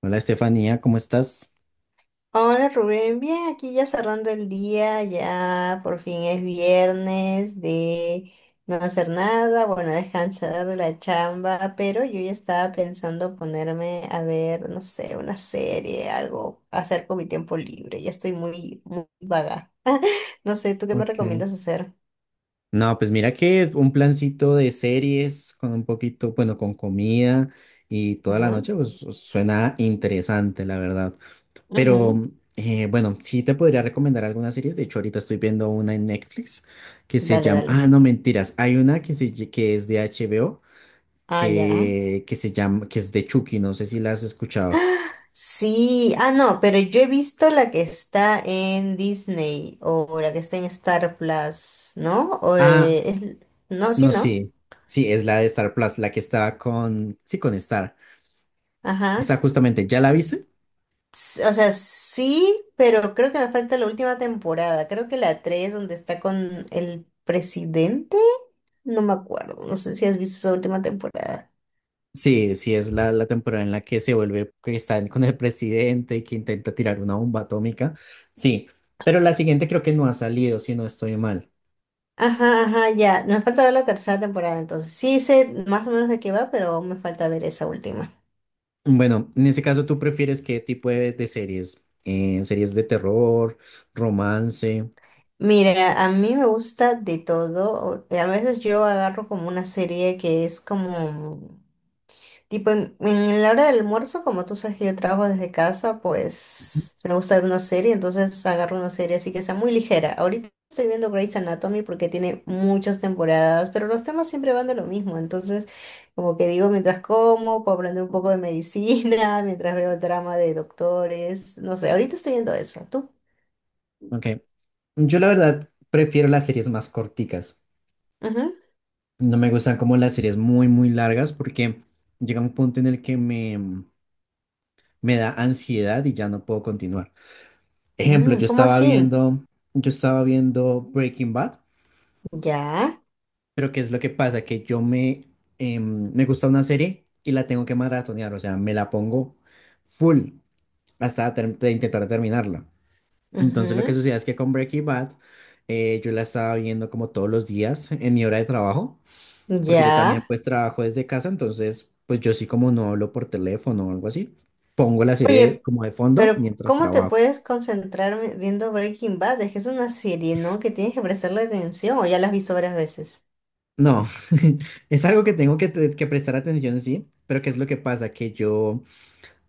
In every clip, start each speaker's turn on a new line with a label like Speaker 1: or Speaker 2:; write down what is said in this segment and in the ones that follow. Speaker 1: Hola Estefanía, ¿cómo estás?
Speaker 2: Hola Rubén, bien, aquí ya cerrando el día, ya por fin es viernes de no hacer nada, bueno, descansar de la chamba, pero yo ya estaba pensando ponerme a ver, no sé, una serie, algo, hacer con mi tiempo libre, ya estoy muy vaga. No sé, ¿tú qué me
Speaker 1: Ok.
Speaker 2: recomiendas hacer?
Speaker 1: No, pues mira que un plancito de series con un poquito, bueno, con comida y toda la
Speaker 2: Ajá,
Speaker 1: noche, pues, suena interesante, la verdad.
Speaker 2: ujú.
Speaker 1: Pero bueno, sí te podría recomendar algunas series. De hecho, ahorita estoy viendo una en Netflix que se
Speaker 2: Dale,
Speaker 1: llama,
Speaker 2: dale.
Speaker 1: ah, no, mentiras, hay una que es de HBO
Speaker 2: Ah, ya.
Speaker 1: que se llama, que es de Chucky, no sé si la has escuchado.
Speaker 2: Sí, ah, no, pero yo he visto la que está en Disney o la que está en Star Plus, ¿no? O,
Speaker 1: Ah,
Speaker 2: no, sí,
Speaker 1: no,
Speaker 2: no.
Speaker 1: sí, sí, es la de Star Plus, la que estaba con, sí, con Star.
Speaker 2: Ajá.
Speaker 1: Esa justamente, ¿ya la
Speaker 2: S-
Speaker 1: viste?
Speaker 2: o sea, sí, pero creo que nos falta la última temporada. Creo que la tres, donde está con el presidente. No me acuerdo. No sé si has visto esa última temporada.
Speaker 1: Sí, sí, es la temporada en la que se vuelve, que está con el presidente y que intenta tirar una bomba atómica. Sí, pero la siguiente creo que no ha salido, si no estoy mal.
Speaker 2: Ajá, ajá, ya. Nos falta ver la tercera temporada, entonces. Sí sé más o menos de qué va, pero aún me falta ver esa última.
Speaker 1: Bueno, en ese caso, ¿tú prefieres qué tipo de series? ¿Series de terror, romance?
Speaker 2: Mira, a mí me gusta de todo. A veces yo agarro como una serie que es como, tipo, en la hora del almuerzo, como tú sabes que yo trabajo desde casa, pues me gusta ver una serie, entonces agarro una serie así que sea muy ligera. Ahorita estoy viendo Grey's Anatomy porque tiene muchas temporadas, pero los temas siempre van de lo mismo. Entonces, como que digo, mientras como, puedo aprender un poco de medicina, mientras veo el drama de doctores, no sé, ahorita estoy viendo eso. ¿Tú?
Speaker 1: Ok, yo la verdad prefiero las series más corticas.
Speaker 2: Ujú.
Speaker 1: No me gustan como las series muy largas porque llega un punto en el que me da ansiedad y ya no puedo continuar. Ejemplo,
Speaker 2: Mm, ¿cómo así?
Speaker 1: yo estaba viendo Breaking Bad,
Speaker 2: ¿Ya?
Speaker 1: pero ¿qué es lo que pasa? Que me gusta una serie y la tengo que maratonear, o sea, me la pongo full hasta intentar terminarla. Entonces lo que
Speaker 2: Ujú.
Speaker 1: sucede es que con Breaking Bad yo la estaba viendo como todos los días en mi hora de trabajo, porque yo también
Speaker 2: Ya.
Speaker 1: pues trabajo desde casa, entonces pues yo sí como no hablo por teléfono o algo así, pongo la serie
Speaker 2: Oye,
Speaker 1: como de fondo
Speaker 2: pero
Speaker 1: mientras
Speaker 2: ¿cómo te
Speaker 1: trabajo.
Speaker 2: puedes concentrar viendo Breaking Bad? Es que es una serie, ¿no?, que tienes que prestarle atención. O ya la has visto varias veces.
Speaker 1: No, es algo que tengo que, que prestar atención, sí, pero ¿qué es lo que pasa? Que yo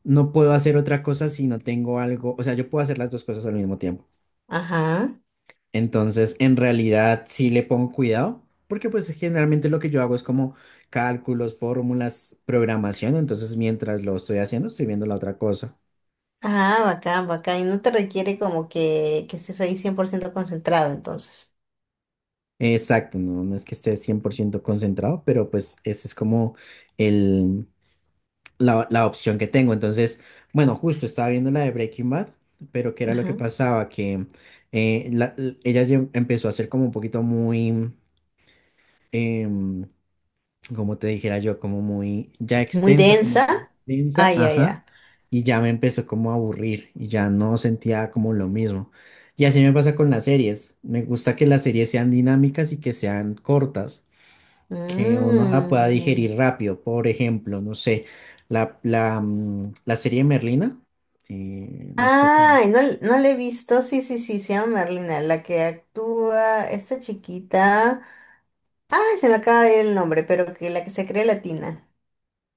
Speaker 1: no puedo hacer otra cosa si no tengo algo, o sea, yo puedo hacer las dos cosas al mismo tiempo.
Speaker 2: Ajá.
Speaker 1: Entonces, en realidad, sí le pongo cuidado, porque pues generalmente lo que yo hago es como cálculos, fórmulas, programación, entonces mientras lo estoy haciendo, estoy viendo la otra cosa.
Speaker 2: Ah, bacán, bacán. Y no te requiere como que estés ahí 100% concentrado, entonces.
Speaker 1: Exacto, no, no es que esté 100% concentrado, pero pues ese es como el, la opción que tengo. Entonces, bueno, justo estaba viendo la de Breaking Bad, pero ¿qué era lo que
Speaker 2: Ajá.
Speaker 1: pasaba? Que ella empezó a ser como un poquito muy, em, como te dijera yo, como muy ya
Speaker 2: Muy
Speaker 1: extensa, como
Speaker 2: densa. Ah,
Speaker 1: extensa,
Speaker 2: ya,
Speaker 1: ajá,
Speaker 2: ya.
Speaker 1: y ya me empezó como a aburrir y ya no sentía como lo mismo. Y así me pasa con las series. Me gusta que las series sean dinámicas y que sean cortas que uno la pueda
Speaker 2: Mm.
Speaker 1: digerir rápido. Por ejemplo, no sé, la serie Merlina, no sé cómo,
Speaker 2: Ay, no, no la he visto. Sí, sí, sí, se llama Merlina, la que actúa esta chiquita. Ah, se me acaba de ir el nombre, pero que la que se cree latina.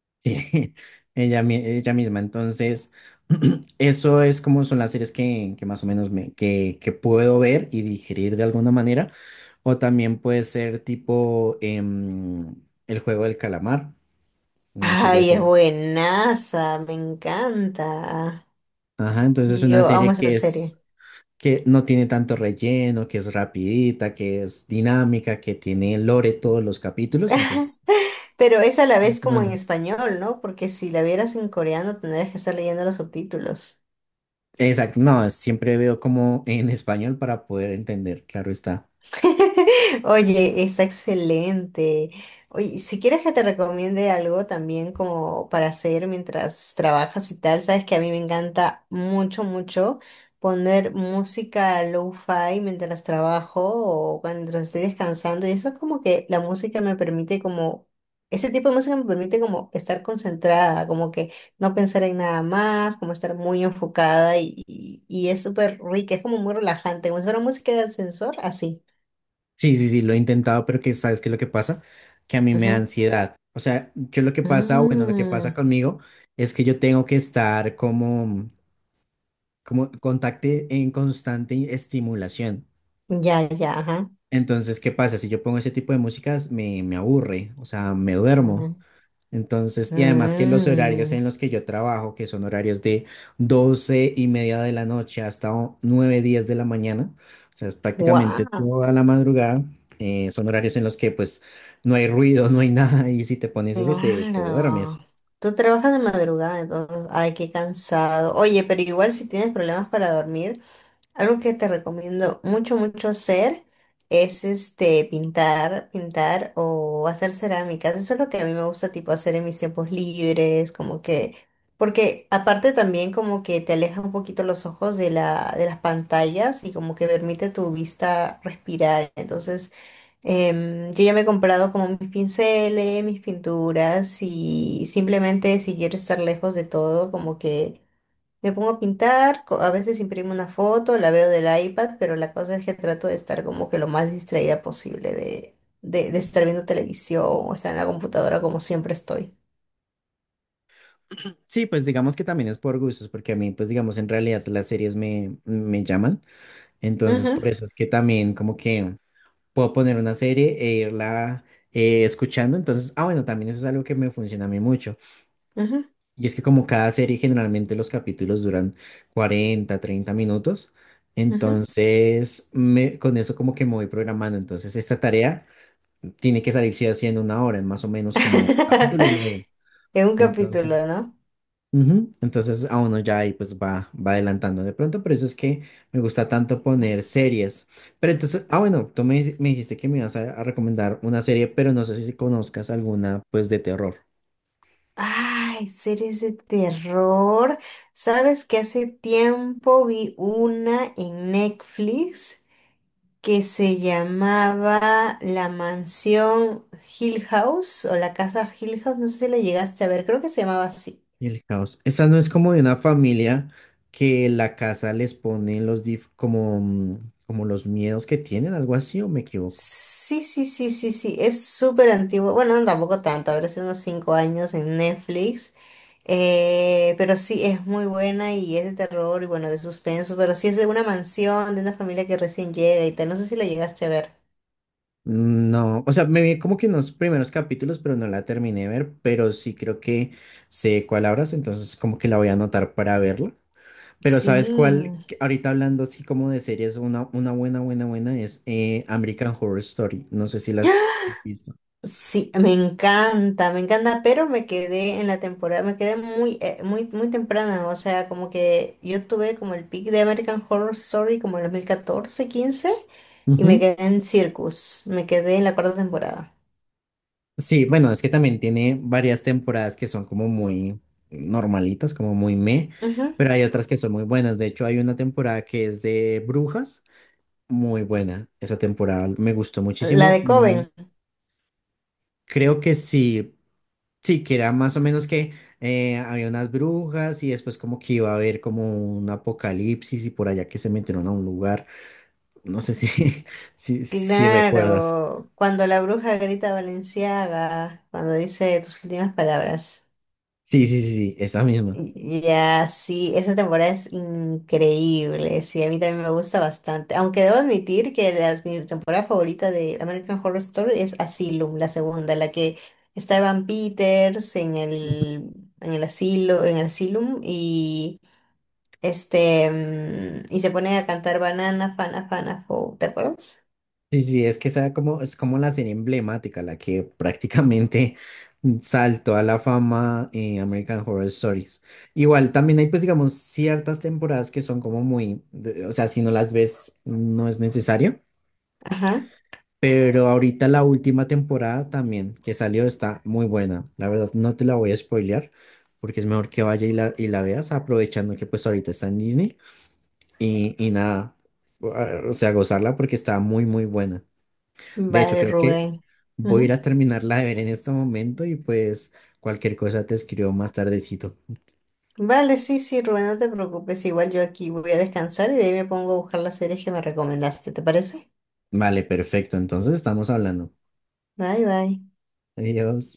Speaker 1: sí, ella, ella misma. Entonces, eso es como son las series que más o menos que puedo ver y digerir de alguna manera. O también puede ser tipo El juego del calamar, una serie
Speaker 2: Ay, es
Speaker 1: así.
Speaker 2: buenaza, me encanta.
Speaker 1: Ajá, entonces es una
Speaker 2: Yo
Speaker 1: serie
Speaker 2: amo esa
Speaker 1: que es...
Speaker 2: serie.
Speaker 1: que no tiene tanto relleno, que es rapidita, que es dinámica, que tiene lore todos los capítulos, entonces,
Speaker 2: Pero es a la
Speaker 1: es
Speaker 2: vez como en
Speaker 1: bueno.
Speaker 2: español, ¿no? Porque si la vieras en coreano tendrías que estar leyendo los subtítulos.
Speaker 1: Exacto, no, siempre veo como en español para poder entender, claro está.
Speaker 2: Oye, está excelente. Oye, si quieres que te recomiende algo también como para hacer mientras trabajas y tal, sabes que a mí me encanta mucho poner música lo-fi mientras trabajo o mientras estoy descansando. Y eso es como que la música me permite como, ese tipo de música me permite como estar concentrada, como que no pensar en nada más, como estar muy enfocada y, y es súper rica, es como muy relajante, como si fuera música de ascensor, así.
Speaker 1: Sí, sí, sí, lo he intentado, pero que sabes qué es lo que pasa, que a mí me da
Speaker 2: Ajá.
Speaker 1: ansiedad. O sea, yo lo que pasa, bueno, lo que pasa
Speaker 2: Ah,
Speaker 1: conmigo es que yo tengo que estar como, como contacte en constante estimulación.
Speaker 2: ya, ya, ajá.
Speaker 1: Entonces, ¿qué pasa? Si yo pongo ese tipo de músicas, me aburre, o sea, me duermo.
Speaker 2: Ajá.
Speaker 1: Entonces, y además que los horarios
Speaker 2: Mm,
Speaker 1: en los que yo trabajo, que son horarios de 12 y media de la noche hasta 9, 10 de la mañana, o sea, es prácticamente
Speaker 2: wow,
Speaker 1: toda la madrugada, son horarios en los que pues no hay ruido, no hay nada, y si te pones eso, te
Speaker 2: claro.
Speaker 1: duermes.
Speaker 2: Tú trabajas de madrugada, entonces, ay, qué cansado. Oye, pero igual si tienes problemas para dormir, algo que te recomiendo mucho hacer es este pintar, pintar o hacer cerámicas. Eso es lo que a mí me gusta tipo hacer en mis tiempos libres, como que, porque aparte también como que te aleja un poquito los ojos de la, de las pantallas y como que permite tu vista respirar. Entonces, yo ya me he comprado como mis pinceles, mis pinturas y simplemente si quiero estar lejos de todo, como que me pongo a pintar, a veces imprimo una foto, la veo del iPad, pero la cosa es que trato de estar como que lo más distraída posible de, de estar viendo televisión o estar en la computadora como siempre estoy.
Speaker 1: Sí, pues digamos que también es por gustos, porque a mí pues digamos en realidad las series me llaman, entonces
Speaker 2: Ujú,
Speaker 1: por eso es que también como que puedo poner una serie e irla escuchando, entonces, ah bueno, también eso es algo que me funciona a mí mucho.
Speaker 2: ujú,
Speaker 1: Y es que como cada serie generalmente los capítulos duran 40 30 minutos,
Speaker 2: ujú.
Speaker 1: entonces con eso como que me voy programando. Entonces esta tarea tiene que salir sí haciendo una hora, en más o menos como capítulo y medio.
Speaker 2: Es un
Speaker 1: Entonces,
Speaker 2: capítulo, ¿no?
Speaker 1: ujú, entonces a uno ya ahí pues va adelantando de pronto, por eso es que me gusta tanto poner series. Pero entonces, ah bueno, me dijiste que me ibas a recomendar una serie, pero no sé si conozcas alguna pues de terror.
Speaker 2: Ay, series de terror. ¿Sabes que hace tiempo vi una en Netflix que se llamaba La Mansión Hill House o la Casa Hill House? No sé si la llegaste a ver, creo que se llamaba así.
Speaker 1: Y el caos. Esa no es como de una familia que la casa les pone los como los miedos que tienen, algo así, o me equivoco.
Speaker 2: Sí, sí, sí, sí, sí, es súper antiguo. Bueno, no, tampoco tanto, habrá sido unos 5 años en Netflix. Pero sí, es muy buena y es de terror y bueno, de suspenso, pero sí es de una mansión, de una familia que recién llega y tal. No sé si la llegaste a ver.
Speaker 1: No, o sea, me vi como que en los primeros capítulos, pero no la terminé de ver, pero sí creo que sé cuál hablas, entonces como que la voy a anotar para verla. Pero ¿sabes cuál?
Speaker 2: Sí.
Speaker 1: Que ahorita hablando así como de series, una buena es American Horror Story. No sé si las has visto.
Speaker 2: Sí, me encanta, pero me quedé en la temporada, me quedé muy, muy, muy temprana, o sea, como que yo tuve como el pic de American Horror Story como en 2014, 15 y me quedé en Circus, me quedé en la cuarta temporada.
Speaker 1: Sí, bueno, es que también tiene varias temporadas que son como muy normalitas, como muy meh,
Speaker 2: Ujú.
Speaker 1: pero hay otras que son muy buenas. De hecho, hay una temporada que es de brujas, muy buena. Esa temporada me gustó
Speaker 2: La
Speaker 1: muchísimo.
Speaker 2: de
Speaker 1: Muy-
Speaker 2: Coven,
Speaker 1: Creo que sí, sí, que era más o menos que había unas brujas y después como que iba a haber como un apocalipsis y por allá que se metieron a un lugar. No sé si, si recuerdas.
Speaker 2: claro, cuando la bruja grita Valenciaga, cuando dice tus últimas palabras.
Speaker 1: Sí, sí, sí, sí, esa misma.
Speaker 2: Ya, sí, esa temporada es increíble, sí, a mí también me gusta bastante, aunque debo admitir que mi temporada favorita de American Horror Story es Asylum, la segunda, la que está Evan Peters en el asilo, en el Asylum y este, mm, y se ponen a cantar Banana, Fana, Fana, Fou, ¿te acuerdas?
Speaker 1: Sí, sí, es que esa como, es como la serie emblemática, la que prácticamente saltó a la fama en American Horror Stories. Igual también hay pues digamos ciertas temporadas que son como muy, de- o sea, si no las ves no es necesario,
Speaker 2: Ajá,
Speaker 1: pero ahorita la última temporada también que salió está muy buena. La verdad no te la voy a spoilear porque es mejor que vaya y y la veas aprovechando que pues ahorita está en Disney y nada, o sea, gozarla porque está muy muy buena. De hecho,
Speaker 2: vale,
Speaker 1: creo que
Speaker 2: Rubén.
Speaker 1: voy a ir a terminarla de ver en este momento y pues cualquier cosa te escribo más tardecito.
Speaker 2: Vale, sí, sí, Rubén, no te preocupes. Igual yo aquí voy a descansar y de ahí me pongo a buscar las series que me recomendaste. ¿Te parece?
Speaker 1: Vale, perfecto. Entonces estamos hablando.
Speaker 2: Bye, bye.
Speaker 1: Adiós.